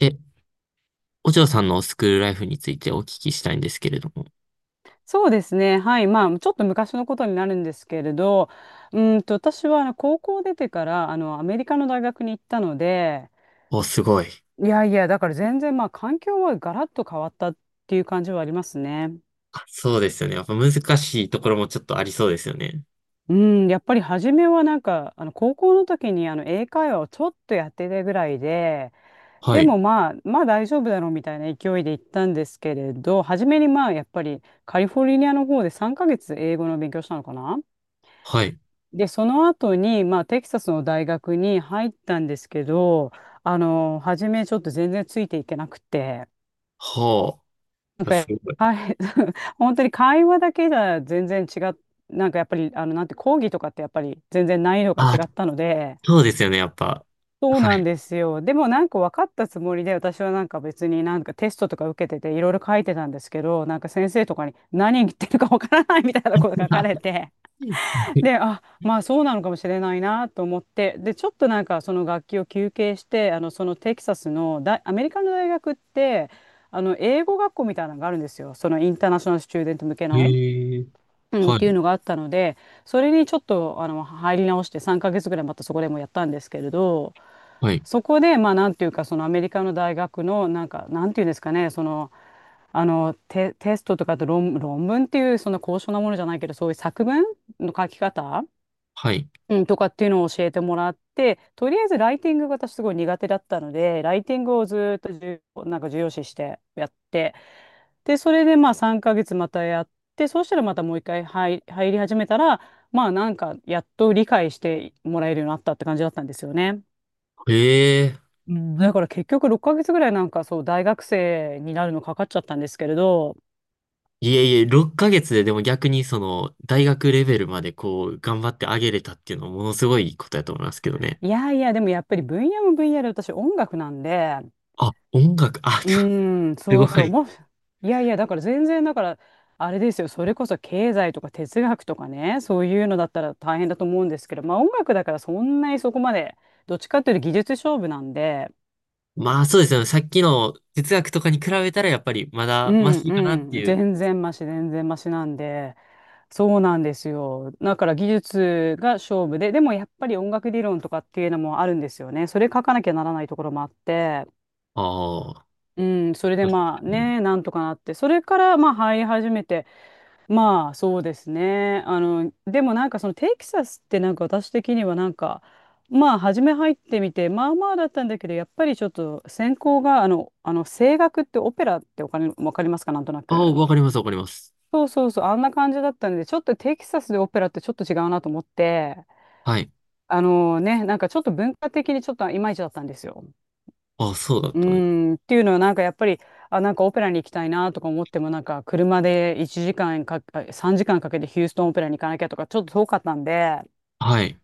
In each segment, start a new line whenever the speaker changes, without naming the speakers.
え、お嬢さんのスクールライフについてお聞きしたいんですけれども。
そうですね。はい。まあ、ちょっと昔のことになるんですけれど、私は高校出てから、アメリカの大学に行ったので、
お、すごい。
いやいや、だから全然、まあ、環境はガラッと変わったっていう感じはありますね。
あ、そうですよね。やっぱ難しいところもちょっとありそうですよね。
うん、やっぱり初めはなんか、高校の時に、英会話をちょっとやってたぐらいで、
は
で
い。
もまあ、まあ大丈夫だろうみたいな勢いで行ったんですけれど、初めにまあ、やっぱりカリフォルニアの方で3ヶ月英語の勉強したのかな。
はい。
で、その後に、まあ、テキサスの大学に入ったんですけど、初めちょっと全然ついていけなくて、
は
なん
あ。す
か、
ごい。
はい、本当に会話だけじゃ全然違っ、なんかやっぱり、なんて講義とかってやっぱり全然難易度が
あ、
違ったので、
そうですよね。やっぱ。
そう
は
なん
い。
ですよ。でもなんか分かったつもりで、私はなんか別になんかテストとか受けてていろいろ書いてたんですけど、なんか先生とかに何言ってるか分からないみたいなこと書かれて、で、あ、まあそうなのかもしれないなと思って、で、ちょっとなんかその楽器を休憩して、そのテキサスの大、アメリカの大学って、英語学校みたいなのがあるんですよ。そのインターナショナルスチューデント向けの。
ええ、
うん、っ
は
ていう
い。
のがあったので、それにちょっと、入り直して3ヶ月ぐらいまたそこでもやったんですけれど、
はい。
そこで、まあなんていうか、そのアメリカの大学の、なんか、なんていうんですかね、その、テストとかと論文っていうそんな高尚なものじゃないけどそういう作文の書き方、
はい。
うん、とかっていうのを教えてもらって、とりあえずライティングが私すごい苦手だったので、ライティングをずーっと重要なんか重要視してやって、で、それでまあ3ヶ月またやって、そうしたらまたもう一回入り始めたら、まあなんかやっと理解してもらえるようになったって感じだったんですよね。
ええ、
うん、だから結局6ヶ月ぐらいなんかそう大学生になるのかかっちゃったんですけれど、
いえいえ、6ヶ月ででも逆にその大学レベルまでこう頑張ってあげれたっていうのはものすごいことやと思いますけどね。
いやいや、でもやっぱり分野も分野で私音楽なんで、
あ、音楽、あ、
うーん、
す
そ
ご
うそう、
い。
いやいや、だから全然、だから、あれですよ、それこそ経済とか哲学とかね、そういうのだったら大変だと思うんですけど、まあ音楽だからそんなにそこまで、どっちかっていうと技術勝負なんで、
まあそうですよね。さっきの哲学とかに比べたらやっぱりま
う
だマ
ん
シかなって
うん、
いう。
全然マシ、全然マシなんで、そうなんですよ。だから技術が勝負で、でもやっぱり音楽理論とかっていうのもあるんですよね。それ書かなきゃならないところもあって、
ああ。
うん、それで
確か
まあ
に。
ね、なんとかなって、それからまあ入り始めて、まあそうですね。でもなんかそのテキサスってなんか私的にはなんかまあ初め入ってみてまあまあだったんだけど、やっぱりちょっと専攻が声楽って、オペラって、お金わかりますか、なんとな
ああ、
く。
わかります、わかります。
そうそうそう、あんな感じだったんでちょっとテキサスでオペラってちょっと違うなと思って、
はい。
なんかちょっと文化的にちょっといまいちだったんですよ。
ああ、そうだっ
う
たね。
ーん、っていうのはなんかやっぱり、あ、なんかオペラに行きたいなとか思っても、なんか車で1時間かんか、あ、3時間かんかけてヒューストンオペラに行かなきゃとか、ちょっと遠かったんで、
はい。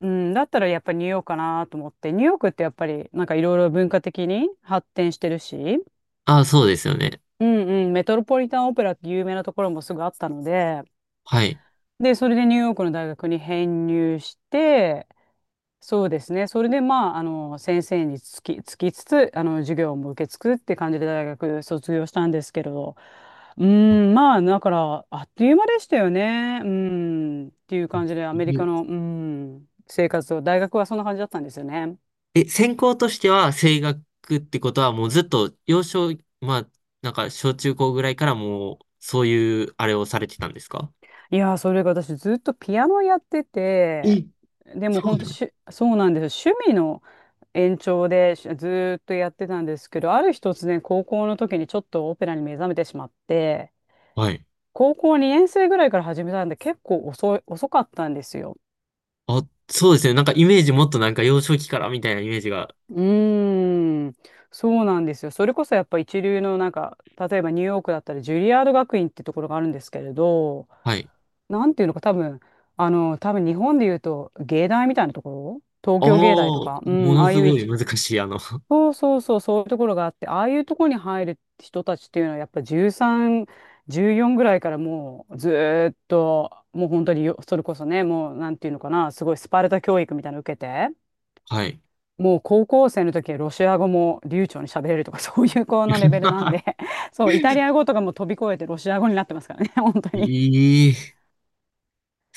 うん、だったらやっぱりニューヨークかなと思って、ニューヨークってやっぱりなんかいろいろ文化的に発展してるし、
ああ、そうですよね。
うんうん、メトロポリタンオペラって有名なところもすぐあったので、
はい。
で、それでニューヨークの大学に編入して、そうですね。それで、まあ、先生につきつつ、授業も受けつくって感じで大学卒業したんですけれど、うーん、まあ、だから、あっという間でしたよね。うーん、っていう感じで、ア メリカの、うーん、生活を、大学はそんな感じだったんですよね。
え、専攻としては声楽ってことはもうずっと幼少、まあ、なんか小中高ぐらいからもうそういうあれをされてたんですか？
いやー、それが私、ずっとピアノやってて、
え、
でも、
そう
本
な
当
の？
しゅ、そうなんですよ。趣味の延長でしずーっとやってたんですけど、ある日突然、高校の時にちょっとオペラに目覚めてしまって、
はい。
高校2年生ぐらいから始めたんで、結構遅かったんですよ。
あ、そうですね。なんかイメージもっとなんか幼少期からみたいなイメージが。
うーん、そうなんですよ。それこそやっぱ一流のなんか、例えばニューヨークだったらジュリアード学院ってところがあるんですけれど、
はい。
なんていうのか多分、多分日本で言うと芸大みたいなところ、東
ああ、
京芸大と
も
か、うん、あ
の
あ
す
い
ご
う
い難しい、
そうそうそう、そういうところがあって、ああいうところに入る人たちっていうのは、やっぱ13、14ぐらいからもうずーっと、もう本当によそれこそね、もうなんていうのかな、すごいスパルタ教育みたいなの受けて、
はい。
もう高校生の時はロシア語も流暢に喋れるとか、そういう子のレベルなん で、そう、イタリア語とかも飛び越えてロシア語になってますからね、本当に。
ええ、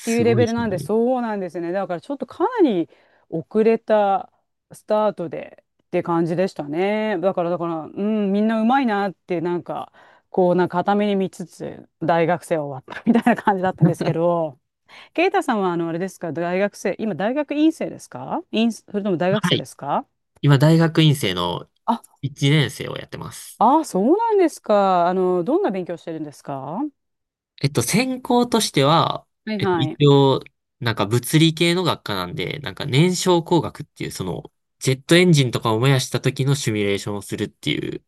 っていうレ
ごいで
ベル
す
なんで、
ね。
そうなんですね。だからちょっとかなり遅れたスタートでって感じでしたね。だから、うん、みんなうまいなって、なんか、こう、なんか片目に見つつ、大学生終わったみたいな感じだったんですけど、ケイタさんは、あれですか、大学生、今、大学院生ですかそれとも大学
は
生で
い。
すか？
今、大学院生の
あ、
1年生をやってます。
ああ、そうなんですか。どんな勉強してるんですか？
専攻としては、
はいはい。
一応、なんか物理系の学科なんで、なんか燃焼工学っていう、ジェットエンジンとかを燃やした時のシミュレーションをするっていう、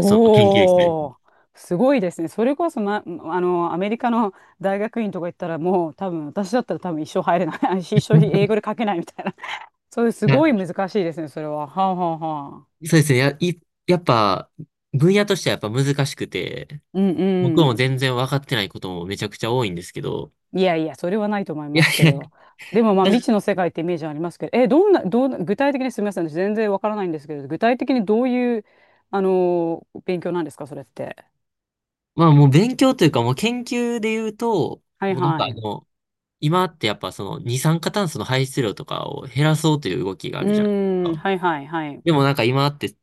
その研究室です。
お、すごいですね。それこそ、ま、あの、アメリカの大学院とか行ったら、もう多分、私だったら多分一生入れない。一生英語 で書けないみたいな。そういう、す
な
ごい難しいですね、それは。はあ、はあはあ。
そうですね。やっぱ、分野としてはやっぱ難しくて、
うん
僕
う
も
ん。
全然分かってないこともめちゃくちゃ多いんですけど、
いやいや、それはないと思い
いや
ます
い
け
や、
ど。でも、まあ、
だ
未知の世界ってイメージありますけど、え、どんな、具体的にすみません、私全然わからないんですけど、具体的にどういう、勉強なんですか、それって？
まあもう勉強というかもう研究で言うと、
はい
もうなん
は
か
い。う
今ってやっぱその二酸化炭素の排出量とかを減らそうという動きがあるじゃないです
ーん、
か。
はいはいはい。
でもなんか今って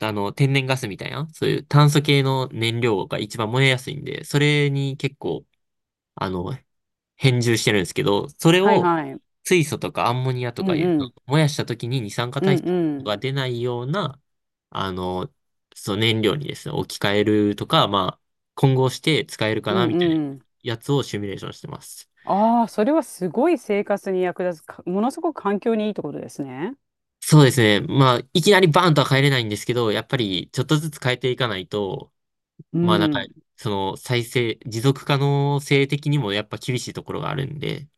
天然ガスみたいな、そういう炭素系の燃料が一番燃えやすいんで、それに結構あの変重してるんですけど、それ
はい
を
はい。
水素とかアンモニアと
う
かいうと、
ん
燃やした時に二酸化
うん
炭素
う
が
ん。
出ないような、あの、そう燃料にですね、置き換えるとか、まあ、混合して使えるか
う
な
ん
みたいな
うん。
やつをシミュレーションしてます。
ああ、それはすごい生活に役立つか、ものすごく環境にいいってことですね。
そうですね。まあ、いきなりバーンとは変えれないんですけど、やっぱりちょっとずつ変えていかないと、
う
まあなんか、
ん。
その再生、持続可能性的にもやっぱ厳しいところがあるんで。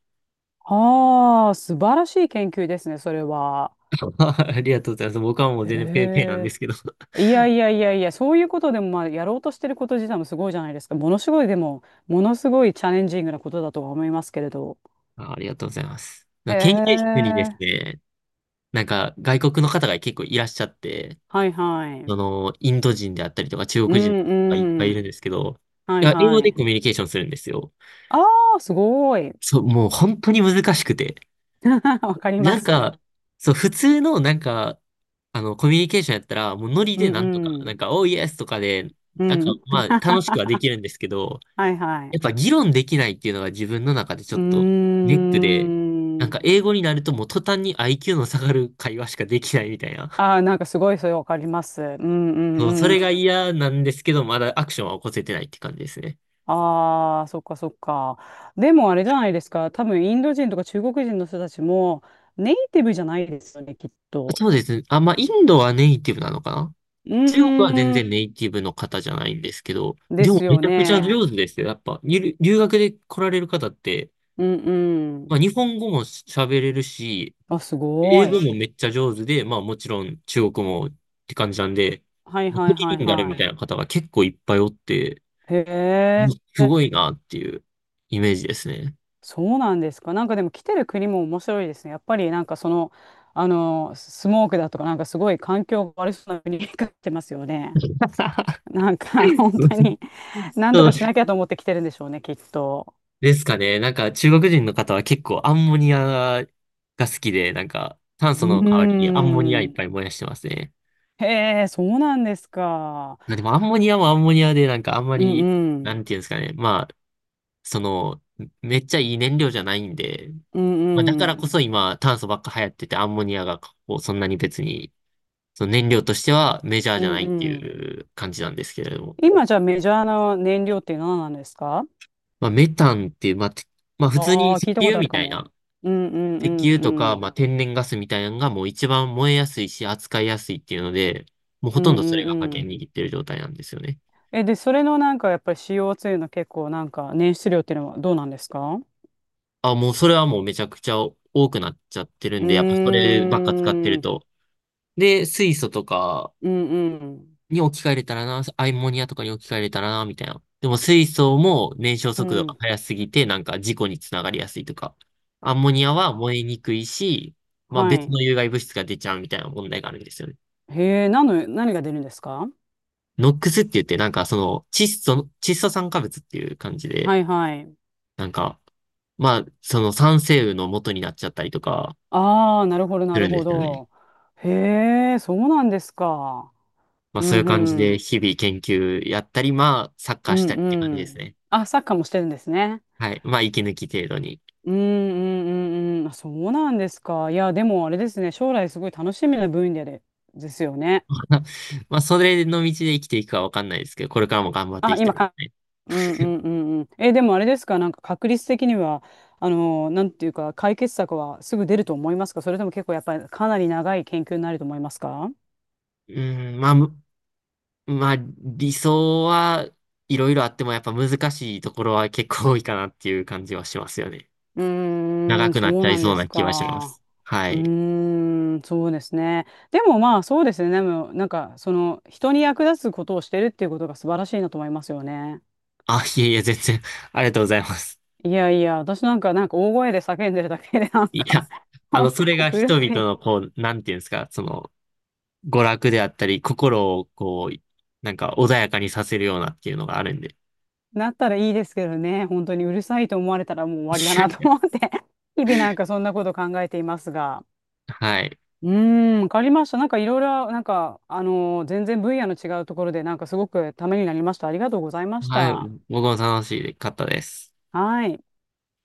ああ、素晴らしい研究ですね、それは。
ありがとうございます。僕はもう全然ペーペーなんで
へ
すけど。
え。いやいやいやいや、そういうことでも、まあ、やろうとしてること自体もすごいじゃないですか。ものすごい、でも、ものすごいチャレンジングなことだとは思いますけれど。
あ、ありがとうございます。
へ
なんか研究室にです
え。
ね、なんか外国の方が結構いらっしゃって、
はいはい。
インド人であったりとか中
う
国人がいっぱ
ん
いい
う
るん
ん。
ですけど、
は
い
い
や、英語
は
で
い。
コミュニケーションするんですよ。
ああ、すごい。
そう、もう本当に難しくて。
わかりま
なん
す。
か、そう、普通のなんか、コミュニケーションやったら、もうノリ
う
で
ん
なんとか、
う
なん
ん。
か、おーイエスとかで、
う
なんか、
ん、
まあ、楽しくはできるんですけど、
はいは
やっ
い。
ぱ議論できないっていうのが自分の中でちょ
う
っと
ー
ネックで、なんか英
ん。
語になるともう途端に IQ の下がる会話しかできないみたいな。
ああ、なんかすごいそれわかります。うんう
そう、そ
んうん。
れが嫌なんですけど、まだアクションは起こせてないって感じですね。
ああ、そっかそっか。でもあれじゃないですか。多分インド人とか中国人の人たちもネイティブじゃないですよね、きっと。
そうですね。あ、まあ、インドはネイティブなのかな？
う
中国は全
ーん。
然ネイティブの方じゃないんですけど、
で
でも
す
め
よ
ちゃくちゃ
ね。
上手ですよ。やっぱ、留学で来られる方って、
うんうん。
まあ、日本語も喋れるし、
あ、すご
英語
い。
もめっちゃ上手で、まあもちろん中国もって感じなんで、
はい
まあ
は
ト
い
リ
はい
リンガルみたい
は
な方が結構いっぱいおって、
い。へ
す
え。
ごいなっていうイメージですね。
そうなんですか。なんかでも来てる国も面白いですね。やっぱりなんかその、スモークだとかなんかすごい環境が悪そうな国に来ってますよね。なんか 本当に何と
そう
かしなきゃと思って来てるんでしょうね、きっと。
ですかね。なんか中国人の方は結構アンモニアが好きで、なんか炭
うー
素の代わりにアンモニアいっ
ん、
ぱい燃やしてますね。
へえ、そうなんですか。
でもアンモニアもアンモニアで、なんかあんま
うん
り、
う
な
ん、
んていうんですかね。まあ、その、めっちゃいい燃料じゃないんで、
う
まあ、だか
んう
らこ
ん、
そ今、炭素ばっか流行ってて、アンモニアがこうそんなに別に、その燃料としてはメジャー
う
じゃ
ん
ないって
うん。
いう感じなんですけれども。
今じゃあメジャーな燃料って何なんですか？
まあ、メタンっていう、まあ、まあ、普通に
ああー、
石
聞いたこ
油
とある
み
か
たい
も。
な、
うんうんう
石
ん
油
う
とか、
ん
まあ、天然ガスみたいなのがもう一番燃えやすいし、扱いやすいっていうので、もう
う
ほと
ん
んど
う
それ
ん
が覇
う
権
ん。
握ってる状態なんですよね。
え、で、それのなんかやっぱり CO2 の結構なんか捻出量っていうのはどうなんですか？
あ、もうそれはもうめちゃくちゃ多くなっちゃってる
う
ん
ー
で、やっぱそればっか使って
ん、う
る
ん
と。で、水素とか
うん、
に置き換えれたらな、アンモニアとかに置き換えれたらな、みたいな。でも水素も燃焼
う
速度が
ん、
速すぎて、なんか事故につながりやすいとか。アンモニアは燃えにくいし、まあ
は
別の
い。
有害物質が出ちゃうみたいな問題があるんですよね。
へえ、何が出るんですか？
ノックスって言って、なんかその窒素酸化物っていう感じ
は
で、
いはい。
なんか、まあその酸性雨の元になっちゃったりとか
ああ、なるほど、な
する
る
んで
ほ
すよね。
ど。へえ、そうなんですか。
まあ
う
そういう
ん
感じ
う
で
ん、
日々研究やったり、まあサッカ
う
ーし
ん
たりって感じ
う
です
ん。
ね。
あ、サッカーもしてるんですね。
はい。まあ息抜き程度に。
うんうんうんうん。あ、そうなんですか。いや、でもあれですね、将来すごい楽しみな分野で、ですよね。
まあ、まあそれの道で生きていくかわかんないですけど、これからも頑張って
あ、
いきたいですね。
うんうんうんうん。え、でもあれですか、なんか確率的には、なんていうか、解決策はすぐ出ると思いますか？それとも結構やっぱりかなり長い研究になると思いますか？
まあ、まあ、理想はいろいろあっても、やっぱ難しいところは結構多いかなっていう感じはしますよね。
うー
長
ん、
く
そ
なっ
う
ちゃい
なん
そ
で
う
す
な気はしま
か。
す。は
う
い。
ーん、そうですね。でもまあそうですね。でもなんかその人に役立つことをしてるっていうことが素晴らしいなと思いますよね。
あ、いえいえ、全然、ありがとうございます。
いやいや、私なんか大声で叫んでるだけでなん
い
か
や、それが
うる
人々の、なんていうんですか、娯楽であったり、心を、なんか穏やかにさせるようなっていうのがあるんで。
なったらいいですけどね、本当にうるさいと思われたらもう終わりだなと思 って 日々なんかそんなこと考えていますが。
はい。
うーん、わかりました。なんかいろいろ、なんか、全然分野の違うところで、なんかすごくためになりました。ありがとうございまし
はい、
た。
僕も楽しかったです。
はい。